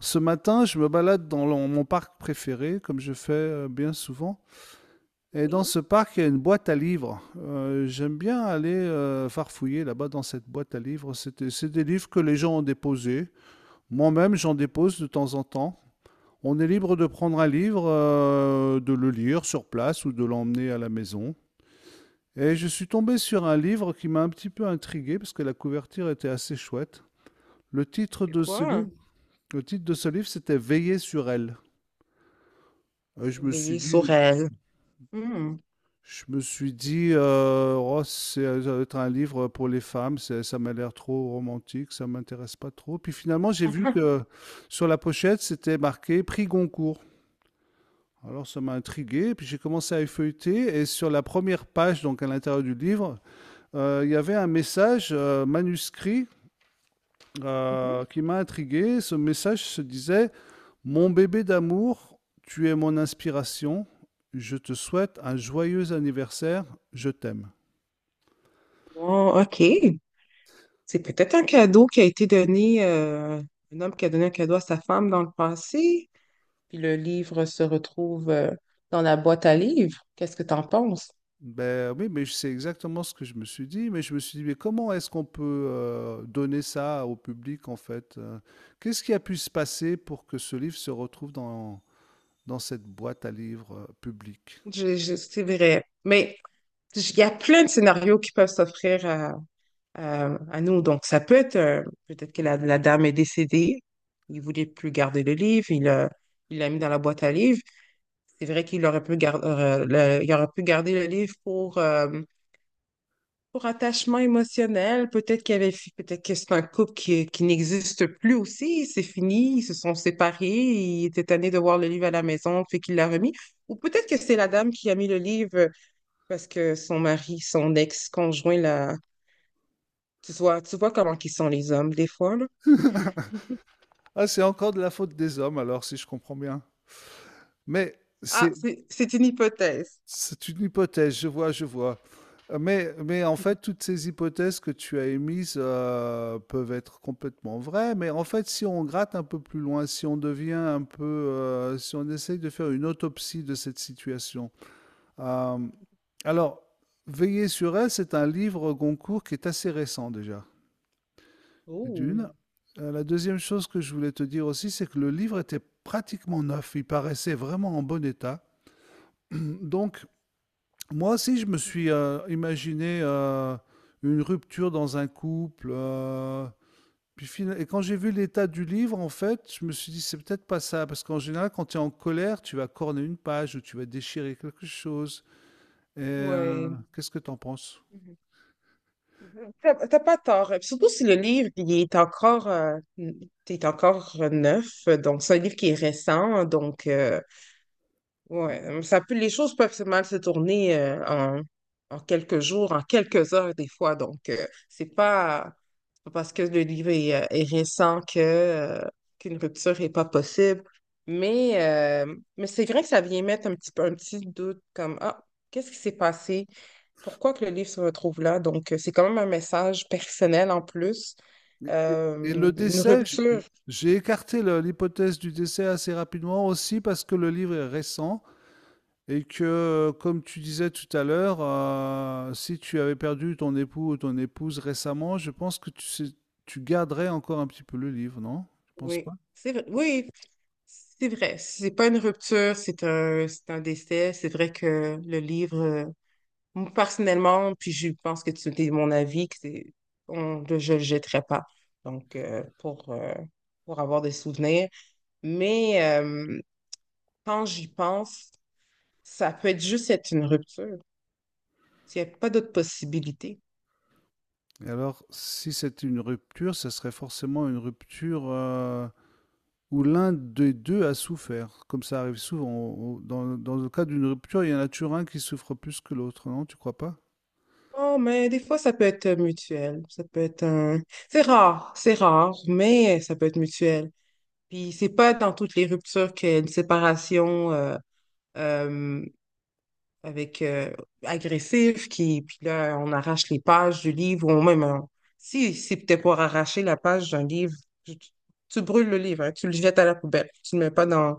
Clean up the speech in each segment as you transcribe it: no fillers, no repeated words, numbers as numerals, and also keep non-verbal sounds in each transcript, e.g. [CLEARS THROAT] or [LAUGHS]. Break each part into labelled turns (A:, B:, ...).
A: Ce matin, je me balade dans mon parc préféré, comme je fais bien souvent. Et dans
B: Oui,
A: ce parc, il y a une boîte à livres. J'aime bien aller farfouiller là-bas dans cette boîte à livres. C'est des livres que les gens ont déposés. Moi-même, j'en dépose de temps en temps. On est libre de prendre un livre, de le lire sur place ou de l'emmener à la maison. Et je suis tombé sur un livre qui m'a un petit peu intrigué parce que la couverture était assez chouette. Le titre
B: c'est
A: de ce
B: quoi?
A: livre, le titre de ce livre, c'était Veiller sur elle. Et je me suis
B: Veiller sur
A: dit,
B: elle. Hmm.
A: je me suis dit, oh, c'est ça doit être un livre pour les femmes, ça m'a l'air trop romantique, ça m'intéresse pas trop. Puis finalement, j'ai vu que sur la pochette, c'était marqué Prix Goncourt. Alors ça m'a intrigué, puis j'ai commencé à effeuilleter, et sur la première page, donc à l'intérieur du livre, il y avait un message manuscrit
B: Mhm.
A: qui m'a intrigué. Ce message se disait, mon bébé d'amour, tu es mon inspiration, je te souhaite un joyeux anniversaire, je t'aime.
B: Bon, OK. C'est peut-être un cadeau qui a été donné, un homme qui a donné un cadeau à sa femme dans le passé. Puis le livre se retrouve dans la boîte à livres. Qu'est-ce que t'en penses?
A: Ben oui, mais c'est exactement ce que je me suis dit. Mais je me suis dit, mais comment est-ce qu'on peut donner ça au public en fait? Qu'est-ce qui a pu se passer pour que ce livre se retrouve dans cette boîte à livres publique?
B: C'est vrai. Mais il y a plein de scénarios qui peuvent s'offrir à nous. Donc, ça peut être, peut-être que la dame est décédée. Il voulait plus garder le livre. Il l'a mis dans la boîte à livres. C'est vrai qu'il aurait pu garder, il aurait pu garder le livre pour attachement émotionnel. Peut-être qu'il y avait, peut-être que c'est un couple qui n'existe plus aussi. C'est fini, ils se sont séparés. Il était tanné de voir le livre à la maison, fait qu'il l'a remis. Ou peut-être que c'est la dame qui a mis le livre parce que son mari, son ex-conjoint là. Tu vois comment qu'ils sont les hommes des fois, là.
A: [LAUGHS]
B: [LAUGHS]
A: Ah, c'est encore de la faute des hommes alors, si je comprends bien. Mais
B: Ah,
A: c'est
B: c'est une hypothèse.
A: C'est une hypothèse, je vois, je vois. Mais en fait, toutes ces hypothèses que tu as émises peuvent être complètement vraies. Mais en fait, si on gratte un peu plus loin, si on devient un peu, si on essaye de faire une autopsie de cette situation. Euh, alors, Veiller sur elle, c'est un livre Goncourt qui est assez récent déjà.
B: Oh.
A: D'une. La deuxième chose que je voulais te dire aussi, c'est que le livre était pratiquement neuf. Il paraissait vraiment en bon état. [CLEARS THROAT] Donc, moi aussi, je me suis imaginé une rupture dans un couple. Et quand j'ai vu l'état du livre, en fait, je me suis dit, c'est peut-être pas ça. Parce qu'en général, quand tu es en colère, tu vas corner une page ou tu vas déchirer quelque chose. Et euh,
B: Ouais.
A: Qu'est-ce que tu en penses?
B: Mhm. T'as pas tort. Surtout si le livre, il est encore neuf. Donc, c'est un livre qui est récent. Donc, ouais, ça peut, les choses peuvent se- mal se tourner en, en quelques jours, en quelques heures des fois. Donc, c'est pas parce que le livre est, est récent que, qu'une rupture n'est pas possible. Mais c'est vrai que ça vient mettre un petit, peu- un petit doute comme, ah, qu'est-ce qui s'est passé? Pourquoi que le livre se retrouve là? Donc, c'est quand même un message personnel en plus.
A: Et, et- et le
B: Une
A: décès,
B: rupture,
A: j'ai écarté l'hypothèse du décès assez rapidement aussi parce que le livre est récent. Et que, comme tu disais tout à l'heure, si tu avais perdu ton époux ou ton épouse récemment, je pense que tu garderais encore un petit peu le livre, non? Je pense
B: oui.
A: pas.
B: C'est vrai. Oui, c'est vrai, c'est pas une rupture, c'est un décès. C'est vrai que le livre, moi, personnellement, puis je pense que tu es mon avis, que c'est, on, je le jetterai pas. Donc, pour avoir des souvenirs. Mais quand j'y pense, ça peut être juste être une rupture. Il n'y a pas d'autre possibilité.
A: Et alors, si c'était une rupture, ça serait forcément une rupture où l'un des deux a souffert, comme ça arrive souvent. Dans, dans le cas d'une rupture, il y en a toujours un qui souffre plus que l'autre, non? Tu crois pas?
B: Oh, mais des fois, ça peut être mutuel. Ça peut être un... c'est rare, mais ça peut être mutuel. Puis c'est pas dans toutes les ruptures qu'il y a une séparation euh, avec agressif qui puis là on arrache les pages du livre ou même on- si c'est peut-être pour arracher la page d'un livre, tu- tu brûles le livre, hein, tu le jettes à la poubelle, tu le mets pas dans,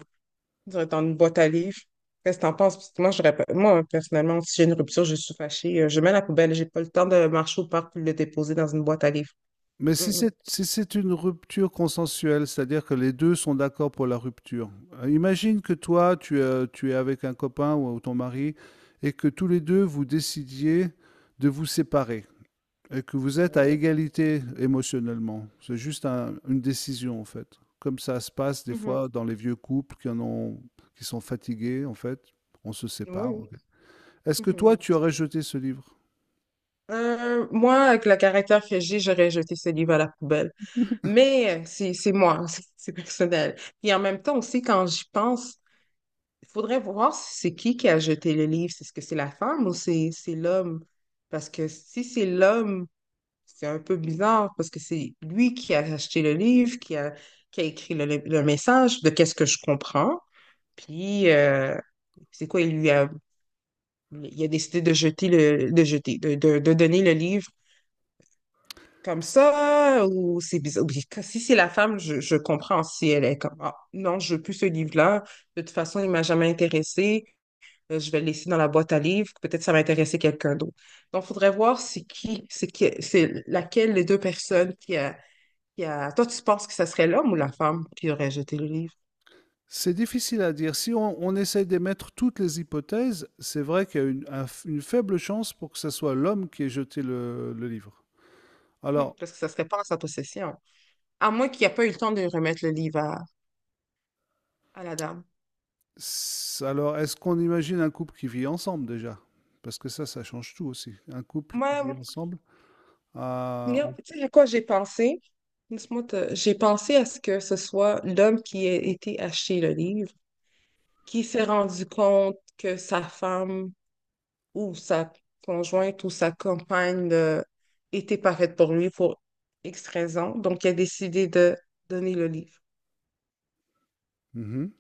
B: dans une boîte à livres. Qu'est-ce que t'en penses? Parce que moi, j'aurais pas- moi, personnellement, si j'ai une rupture, je suis fâchée, je mets à la poubelle, j'ai pas le temps de marcher au parc pour le déposer dans une boîte à livres.
A: Mais
B: Mm, mm.
A: si c'est une rupture consensuelle, c'est-à-dire que les 2 sont d'accord pour la rupture. Imagine que toi, tu es avec un copain ou ton mari et que tous les 2 vous décidiez de vous séparer et que vous êtes à
B: Oui.
A: égalité émotionnellement. C'est juste un une décision, en fait. Comme ça se passe des
B: Mhm.
A: fois dans les vieux couples qui sont fatigués, en fait. On se
B: Oui,
A: sépare, OK.
B: oui.
A: Est-ce que
B: Mhm.
A: toi, tu aurais jeté ce livre?
B: Moi, avec le caractère que j'ai, j'aurais jeté ce livre à la poubelle. Mais c'est moi, [LAUGHS] c'est personnel. Et en même temps aussi, quand j'y pense, il faudrait voir si c'est qui a jeté le livre. C'est ce que c'est la femme ou c'est l'homme? Parce que si c'est l'homme, c'est un peu bizarre parce que c'est lui qui a acheté le livre, qui a écrit le message de qu'est-ce que je comprends. Puis, c'est quoi, il a décidé de jeter de jeter, de donner le livre comme ça, ou c'est bizarre. Ou si c'est la femme, je comprends si elle est comme, ah, non, je veux plus ce livre-là. De toute façon, il m'a jamais intéressé. Je vais le laisser dans la boîte à livres. Peut-être ça va intéresser quelqu'un d'autre. Donc, il faudrait voir c'est laquelle des deux personnes qui a puis, toi, tu penses que ce serait l'homme ou la femme qui aurait jeté le livre?
A: C'est difficile à dire. Si on essaie d'émettre toutes les hypothèses, c'est vrai qu'il y a une faible chance pour que ce soit l'homme qui ait jeté le livre.
B: Hmm,
A: Alors,
B: parce que ça serait pas en sa possession. À moins qu'il n'y ait pas eu le temps de remettre le livre à la dame.
A: est-ce qu'on imagine un couple qui vit ensemble déjà? Parce que ça change tout aussi. Un couple qui vit
B: Moi,
A: ensemble. ah,
B: regarde,
A: on-
B: tu sais à quoi j'ai pensé? Laisse-moi te- j'ai pensé à ce que ce soit l'homme qui ait été acheter le livre, qui s'est rendu compte que sa femme ou sa conjointe ou sa compagne était pas faite pour lui pour X raison. Donc, il a décidé de donner le livre.
A: Mhm.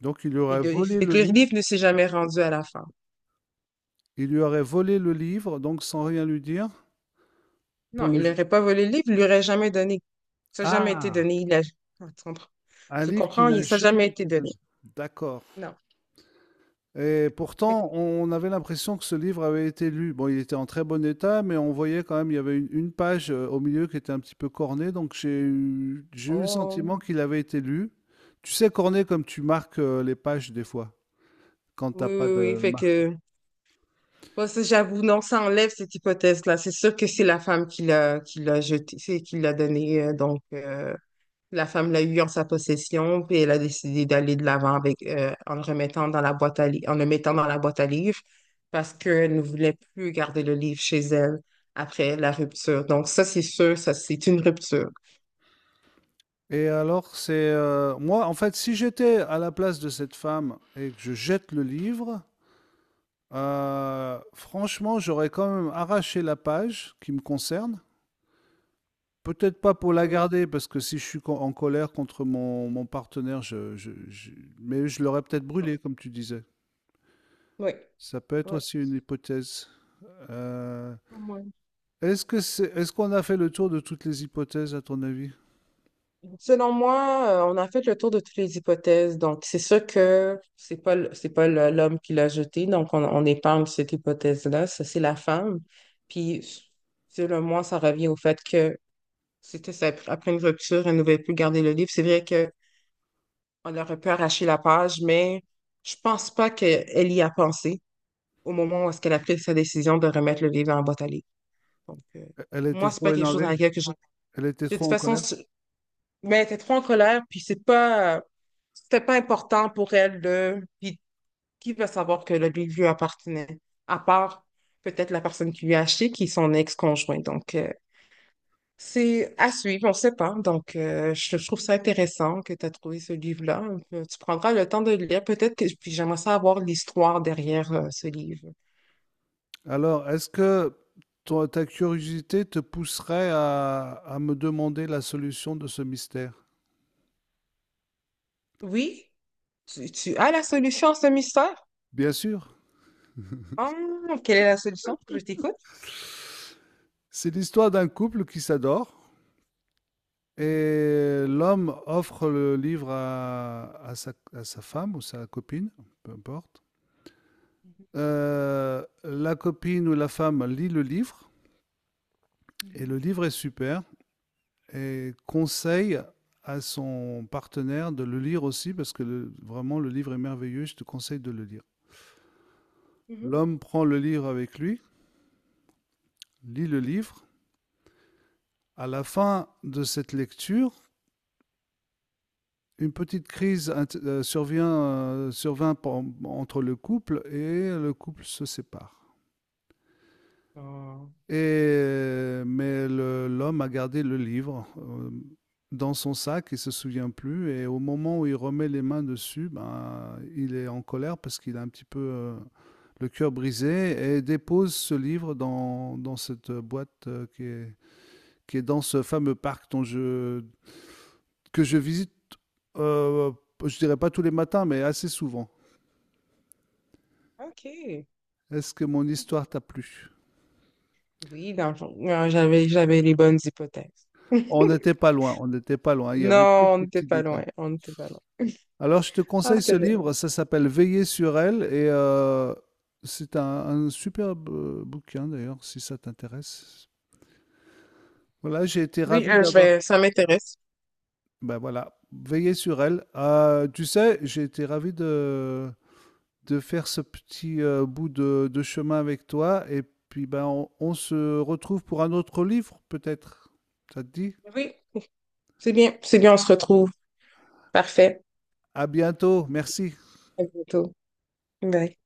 A: Donc, il lui
B: Puis
A: aurait
B: de...
A: volé
B: Fait
A: le
B: que le
A: livre.
B: livre ne s'est jamais rendu à la femme.
A: Il lui aurait volé le livre, donc sans rien lui dire, pour
B: Non,
A: le...
B: il
A: je-
B: n'aurait pas volé le livre, il lui aurait jamais donné. Ça n'a jamais été
A: ah,
B: donné. Il a... Ah, tu comprends?
A: un
B: Tu
A: livre qui
B: comprends?
A: n'a
B: Il- ça n'a jamais
A: jamais
B: été
A: été
B: donné.
A: donné. D'accord.
B: Non.
A: Et
B: Fait que-
A: pourtant, on avait l'impression que ce livre avait été lu. Bon, il était en très bon état, mais on voyait quand même, il y avait une page au milieu qui était un petit peu cornée, donc j'ai eu le
B: oh,
A: sentiment qu'il avait été lu. Tu sais, cornée comme tu marques les pages des fois, quand t'as
B: oui,
A: pas
B: oui, oui.
A: de
B: Fait
A: marque.
B: que, moi, ça, j'avoue, non, ça enlève cette hypothèse-là. C'est sûr que c'est la femme qui l'a jeté, c'est qui l'a donné. Donc, la femme l'a eu en sa possession, puis elle a décidé d'aller de l'avant avec en le remettant dans la boîte à li- en le mettant dans la boîte à livres parce qu'elle ne voulait plus garder le livre chez elle après la rupture. Donc ça, c'est sûr, ça c'est une rupture.
A: Et alors, en fait, si j'étais à la place de cette femme et que je jette le livre, franchement, j'aurais quand même arraché la page qui me concerne. Peut-être pas pour la
B: Mm.
A: garder, parce que si je suis en colère contre mon partenaire, mais je l'aurais peut-être
B: Bon.
A: brûlé, comme tu disais.
B: Oui,
A: Ça peut être
B: oui.
A: aussi une hypothèse. Euh,
B: Ouais.
A: est-ce qu'on a fait le tour de toutes les hypothèses, à ton avis?
B: Selon moi, on a fait le tour de toutes les hypothèses. Donc, c'est sûr que c'est pas le- l'homme qui l'a jeté. Donc, on épargne cette hypothèse-là. Ça, c'est la femme. Puis, selon moi, ça revient au fait que c'était ça. Après une rupture, elle ne voulait plus garder le livre. C'est vrai qu'on aurait pu arracher la page, mais je pense pas qu'elle y a pensé au moment où est-ce qu'elle a pris sa décision de remettre le livre dans la boîte à livres. Donc,
A: Elle était
B: moi, c'est
A: trop
B: pas quelque chose dans
A: énervée?
B: laquelle que je...
A: Elle était
B: De toute
A: trop en
B: façon,
A: colère?
B: je- mais elle était trop en colère, puis c'est pas... c'était pas important pour elle de... Puis qui va savoir que le livre lui appartenait, à part peut-être la personne qui lui a acheté, qui est son ex-conjoint. Donc, c'est à suivre, on ne sait pas. Donc, je trouve ça intéressant que tu as trouvé ce livre-là. Tu prendras le temps de le lire. Peut-être que puis j'aimerais savoir l'histoire derrière ce livre.
A: Alors, est-ce que ta curiosité te pousserait à me demander la solution de ce mystère?
B: Oui, tu as la solution à ce mystère?
A: Bien sûr.
B: Ah, quelle est la solution? Je t'écoute.
A: C'est l'histoire d'un couple qui s'adore. Et l'homme offre le livre à sa femme ou sa copine, peu importe.
B: Mhm,
A: La copine ou la femme lit le livre, et le livre est super, et conseille à son partenaire de le lire aussi, parce que vraiment le livre est merveilleux, je te conseille de le lire.
B: mhm. Mhm.
A: L'homme prend le livre avec lui, lit le livre. À la fin de cette lecture, une petite crise survint entre le couple et le couple se sépare.
B: Ah,
A: Et, mais l'homme a gardé le livre dans son sac, il ne se souvient plus. Et au moment où il remet les mains dessus, ben, il est en colère parce qu'il a un petit peu le cœur brisé et dépose ce livre dans cette boîte qui est dans ce fameux parc dont je, que je visite, euh, je ne dirais pas tous les matins, mais assez souvent.
B: OK.
A: Est-ce que mon
B: OK.
A: histoire t'a plu?
B: Oui, dans le fond, non, j'avais les bonnes hypothèses.
A: On
B: [LAUGHS]
A: n'était pas loin, on n'était pas loin, il y avait
B: Non, on
A: quelques
B: n'était
A: petits
B: pas
A: détails.
B: loin. On n'était pas loin.
A: Alors je te
B: Ah,
A: conseille ce
B: c'était bien.
A: livre, ça s'appelle Veiller sur elle et c'est un superbe bouquin d'ailleurs, si ça t'intéresse. Voilà, j'ai été
B: Oui,
A: ravi
B: je
A: d'avoir...
B: vais- ça m'intéresse.
A: Ben voilà, Veiller sur elle. Tu sais, j'ai été ravi de faire ce petit bout de chemin avec toi et puis ben on se retrouve pour un autre livre peut-être. Ça te dit?
B: Oui, c'est bien. C'est bien, on se retrouve. Parfait.
A: À bientôt, merci.
B: À bientôt. Bye.